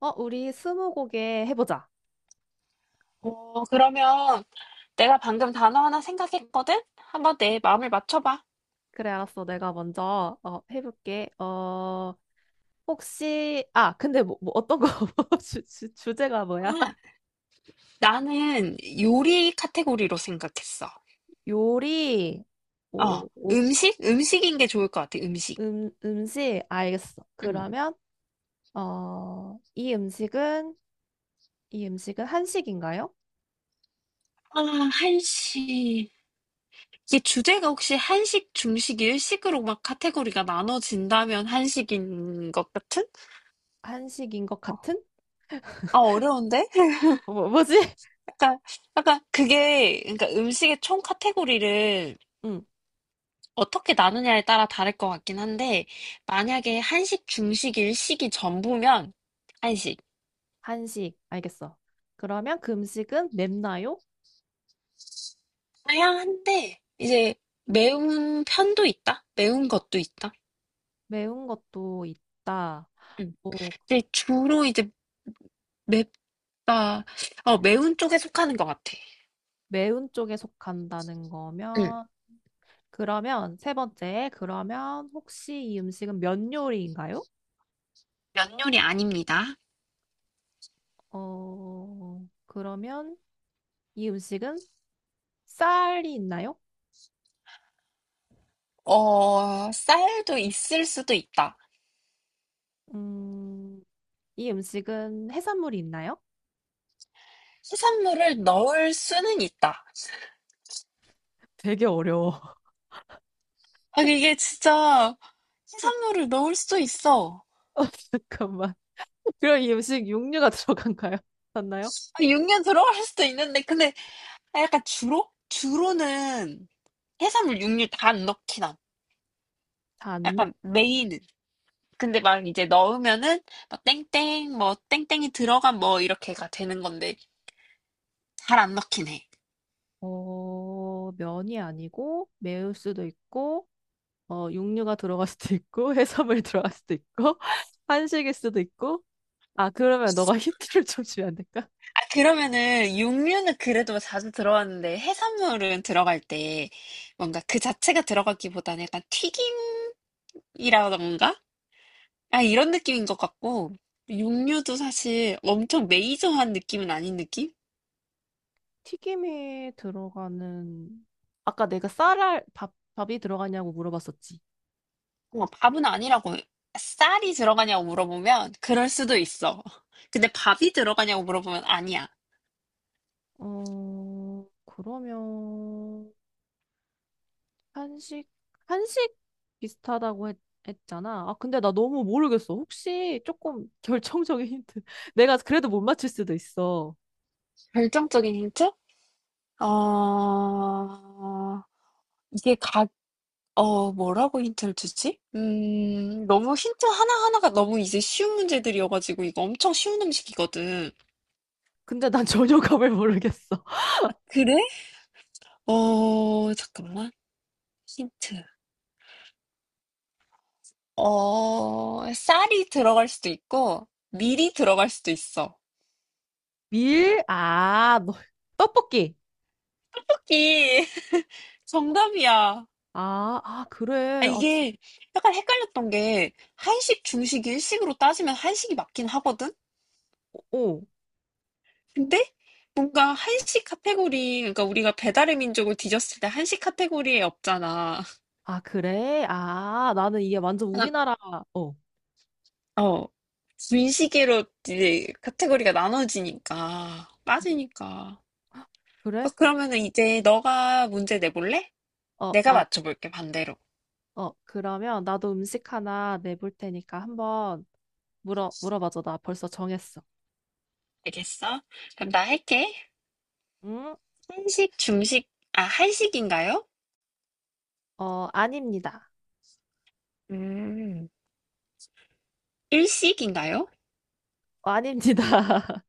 우리 스무고개 해보자. 어, 그러면 내가 방금 단어 하나 생각했거든? 한번 내 마음을 맞춰봐. 그래, 알았어. 내가 먼저 해볼게. 혹시 아, 근데 뭐 어떤 거 주제가 뭐야? 아, 나는 요리 카테고리로 생각했어. 요리, 어, 오, 오, 음식? 음식인 게 좋을 것 같아, 음식. 음식 알겠어. 음. 그러면 이 음식은 이 음식은 한식인가요? 아, 한식. 이게 주제가 혹시 한식, 중식, 일식으로 막 카테고리가 나눠진다면 한식인 것 같은? 한식인 것 어, 같은? 아, 어려운데? 뭐지? 약간, 약간 그게, 그러니까 음식의 총 카테고리를 응, 어떻게 나누냐에 따라 다를 것 같긴 한데, 만약에 한식, 중식, 일식이 전부면 한식. 한식 알겠어. 그러면 그 음식은 맵나요? 다양한데, 이제 매운 편도 있다? 매운 것도 있다? 매운 것도 있다. 음. 근데 주로 이제 맵다, 어, 매운 쪽에 속하는 것 같아. 매운 쪽에 속한다는 음. 거면, 그러면 세 번째, 그러면 혹시 이 음식은 면 요리인가요? 면 요리 아닙니다. 그러면 이 음식은 쌀이 있나요? 어, 쌀도 있을 수도 있다. 음, 이 음식은 해산물이 있나요? 해산물을 넣을 수는 있다. 되게 어려워. 아, 이게 진짜 해산물을 넣을 수도 있어. 어, 잠깐만. 그럼 이 음식 육류가 들어간가요? 맞나요? 아, 육류 들어갈 수도 있는데, 근데 아, 약간 주로? 주로는 해산물, 육류 다 넣긴 나 잔먹 약간 메인은. 근데 막 이제 넣으면은 막 땡땡 뭐 땡땡이 들어간 뭐 이렇게가 되는 건데 잘 안 넣긴 해. 어, 면이 아니고 매울 수도 있고, 육류가 들어갈 수도 있고, 해산물이 들어갈 수도 있고, 한식일 수도 있고, 아, 그러면 너가 힌트를 좀 주면 안 될까? 아, 그러면은 육류는 그래도 뭐 자주 들어왔는데 해산물은 들어갈 때 뭔가 그 자체가 들어가기보다는 약간 튀김이라던가? 아, 이런 느낌인 것 같고 육류도 사실 엄청 메이저한 느낌은 아닌 느낌? 튀김에 들어가는, 아까 내가 쌀알, 밥이 들어가냐고 물어봤었지. 어, 밥은 아니라고. 쌀이 들어가냐고 물어보면 그럴 수도 있어. 근데 밥이 들어가냐고 물어보면 아니야. 어, 그러면, 한식, 한식 비슷하다고 했잖아. 아, 근데 나 너무 모르겠어. 혹시 조금 결정적인 힌트. 내가 그래도 못 맞출 수도 있어. 결정적인 힌트? 어, 이게 각, 어, 뭐라고 힌트를 주지? 너무 힌트 하나하나가 너무 이제 쉬운 문제들이어가지고 이거 엄청 쉬운 음식이거든. 근데 난 전혀 감을 모르겠어. 아, 그래? 어, 잠깐만. 힌트. 어, 쌀이 들어갈 수도 있고, 밀이 들어갈 수도 있어. 밀? 떡볶이. 토끼 정답이야. 아, 아, 아, 그래. 아, 진, 이게 약간 헷갈렸던 게 한식, 중식, 일식으로 따지면 한식이 맞긴 하거든? 어. 어. 근데 뭔가 한식 카테고리, 그러니까 우리가 배달의 민족을 뒤졌을 때 한식 카테고리에 없잖아. 아, 그래? 아, 나는 이게 완전 하나, 우리나라, 어, 어, 분식으로 이제 카테고리가 나눠지니까, 음. 빠지니까. 어, 그래? 그러면은 이제 너가 문제 내볼래? 어, 내가 나, 맞춰볼게, 반대로. 그러면 나도 음식 하나 내볼 테니까 한번 물어봐줘. 나 벌써 정했어. 알겠어? 그럼 나 할게. 응? 한식, 중식, 아, 한식인가요? 어, 아닙니다. 음, 일식인가요? 어, 아닙니다.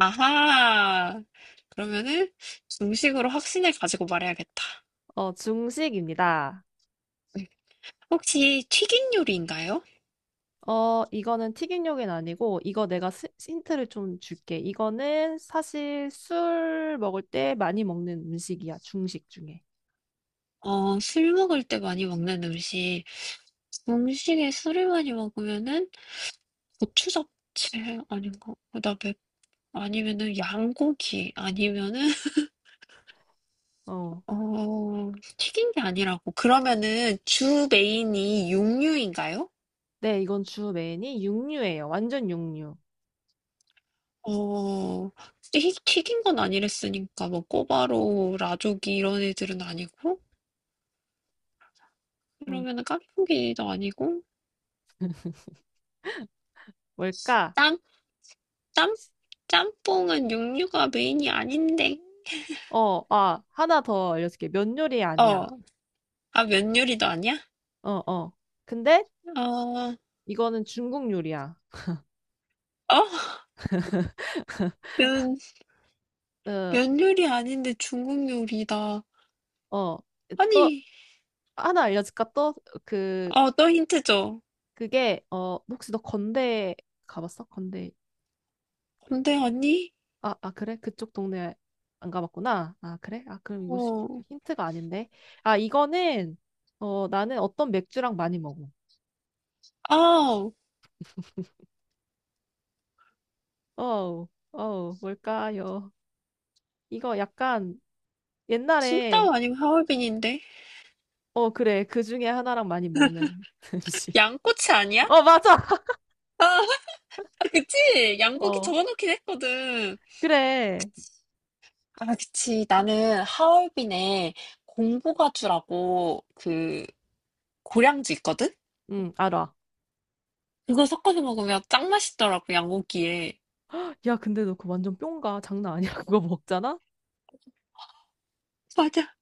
아하. 그러면은 중식으로 확신을 가지고 말해야겠다. 어, 중식입니다. 혹시 튀긴 요리인가요? 어, 이거는 튀김요긴 아니고, 이거 내가 스, 힌트를 좀 줄게. 이거는 사실 술 먹을 때 많이 먹는 음식이야. 중식 중에. 어, 술 먹을 때 많이 먹는 음식. 중식에 술을 많이 먹으면은 고추 잡채 아닌가? 그다음에 아니면은 양고기 아니면은 어. 어, 튀긴 게 아니라고. 그러면은 주 메인이 육류인가요? 네, 이건 주 메인이 육류예요. 완전 육류. 어, 튀긴 건 아니랬으니까 뭐 꼬바로우, 라조기 이런 애들은 아니고 그러면은 깐풍기도 아니고 뭘까? 짬? 짬? 짬뽕은 육류가 메인이 아닌데. 어, 아, 하나 더 알려줄게. 면 요리 어. 아니야. 아, 면 요리도 아니야? 어, 어. 근데 어. 이거는 중국 요리야. 어? 면, 어, 면 요리 아닌데 중국 요리다. 어. 또 아니, 하나 알려줄까? 또 그, 어, 또 힌트 줘. 어, 혹시 너 건대 가봤어? 건대. 근데 아니? 아, 아, 그래? 그쪽 동네 안 가봤구나. 아, 그래? 아, 그럼 이거 시- 어. 힌트가 아닌데. 아, 이거는, 어, 나는 어떤 맥주랑 많이 먹어. 아, 어우, 어우, 뭘까요? 이거 약간 옛날에 찐따오 아니면 하얼빈인데? 어, 그래. 그 중에 하나랑 많이 먹는 음식. 양꼬치 아니야? 어, 맞아. 아, 그치? 양고기 어, 적어놓긴 했거든. 그래. 아, 그치. 나는 하얼빈에 공부가주라고 그 고량주 있거든? 응, 알아. 그거 섞어서 먹으면 짱 맛있더라고, 양고기에. 야, 근데 너 그 완전 뿅가. 장난 아니야. 그거 먹잖아? 맞아.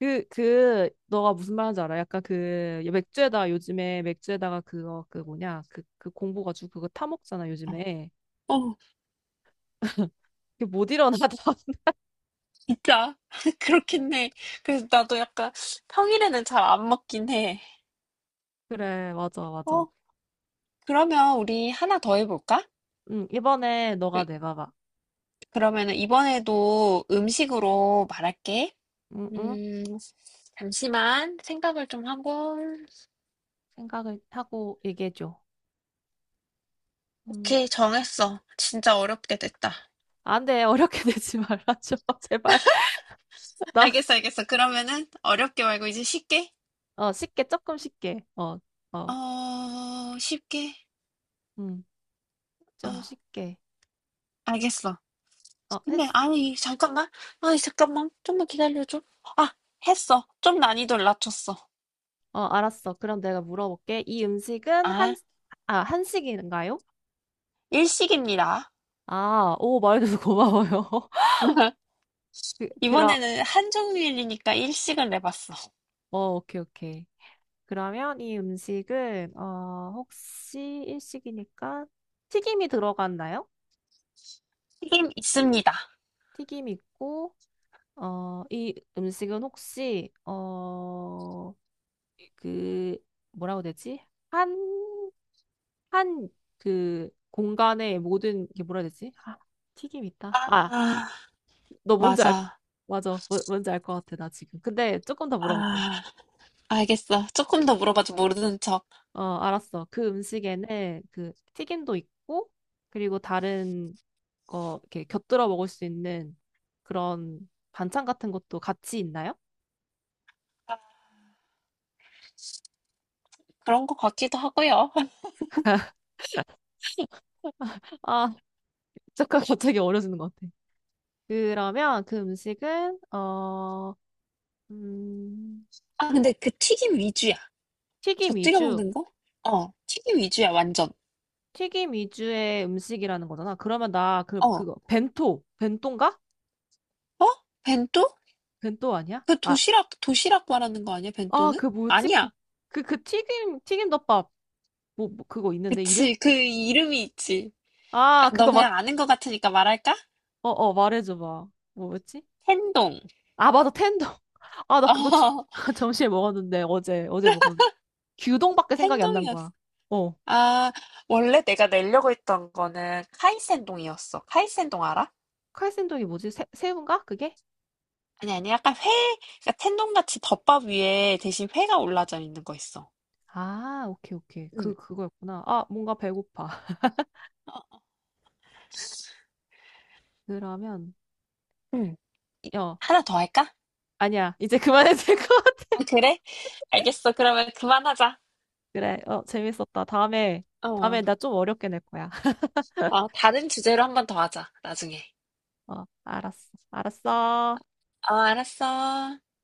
너가 무슨 말 하는지 알아? 약간 그, 맥주에다, 요즘에 맥주에다가 그거, 그 뭐냐. 그 공부가지고 그거 타먹잖아, 어, 요즘에. 어, 그게 못 일어나. 진짜. 그렇긴 해. 그래서 나도 약간 평일에는 잘 안 먹긴 해. 그래, 맞아, 맞아. 어, 그러면 우리 하나 더 해볼까? 응, 이번에 그, 너가 내봐봐. 그러면은 이번에도 음식으로 말할게. 응, 응. 음, 잠시만 생각을 좀 하고. 생각을 하고 얘기해줘. 음. 오케이, 정했어. 진짜 어렵게 됐다. 안 돼, 어렵게 내지 말아줘, 제발. 나 알겠어. 그러면은 어렵게 말고 이제 쉽게? 어, 쉽게, 조금 쉽게. 어, 어, 어, 쉽게? 음, 어, 좀 쉽게. 알겠어. 어, 했, 근데 아니 잠깐만 좀만 기다려줘. 아, 했어. 좀 난이도를 낮췄어. 어, 알았어. 그럼 내가 물어볼게. 이 음식은 한, 아, 아, 한식인가요? 일식입니다. 아, 오, 말해줘서 고마워요. 그, 그라, 이번에는 한정일이니까 일식을 내봤어. 어, 오케이, 오케이. 그러면 이 음식은, 어, 혹시 일식이니까 튀김이 들어갔나요? 튀김 있습니다. 튀김 있고, 어, 이 음식은 혹시, 어, 그, 뭐라고 되지? 한 한 그 공간의 모든 게 뭐라 해야 되지? 아, 튀김 있다. 아, 아, 너 뭔지 알, 맞아. 맞아. 뭐- 뭔지 알 것 같아, 나 지금. 근데 조금 더 물어볼게. 아, 알겠어. 조금 더 물어봐도 모르는 척. 어, 알았어. 그 음식에는 그 튀김도 있고, 그리고 다른 거 이렇게 곁들여 먹을 수 있는 그런 반찬 같은 것도 같이 있나요? 아, 그런 것 같기도 하고요. 아, 잠깐 갑자기 어려지는 것 같아. 그러면 그 음식은, 어, 음, 아, 근데 그 튀김 위주야. 튀김 곁들여 위주. 먹는 거? 어, 튀김 위주야, 완전. 튀김 위주의 음식이라는 거잖아. 그러면 나 그 어, 그거 벤토인가? 어? 벤또? 벤토 아니야? 그 아, 도시락 말하는 거 아니야, 아, 벤또는? 그 뭐지? 그 아니야. 그 그 튀김덮밥 뭐 그거 있는데 이름? 그치, 그 이름이 있지. 아, 아, 너 그거 맞. 그냥 아는 것 같으니까 말할까? 어, 어, 말해줘 봐. 뭐였지? 텐동. 아, 맞아. 텐더. 아, 나 어, 그거 주- 점심에 먹었는데 어제 먹었는데 규동밖에 생각이 안 난 텐동이었어. 거야. 어. 아, 원래 내가 내려고 했던 거는 카이센동이었어. 카이센동 알아? 칼센동이 뭐지? 새우인가? 그게? 아니, 아니, 약간 회, 그러니까 텐동같이 덮밥 위에 대신 회가 올라져 있는 거 있어. 아, 오케이, 오케이. 그, 응. 그거였구나. 아, 뭔가 배고파. 어, 그러면, 응. 이- 야, 하나 더 할까? 아니야. 이제 그만해도 될것 아, 그래? 알겠어. 그러면 그만하자. 그래, 어, 재밌었다. 다음에, 어, 다음에 나 좀 어렵게 낼 거야. 어, 다른 주제로 한번 더 하자, 나중에. 어, 알았어. 알았어. 어, 알았어.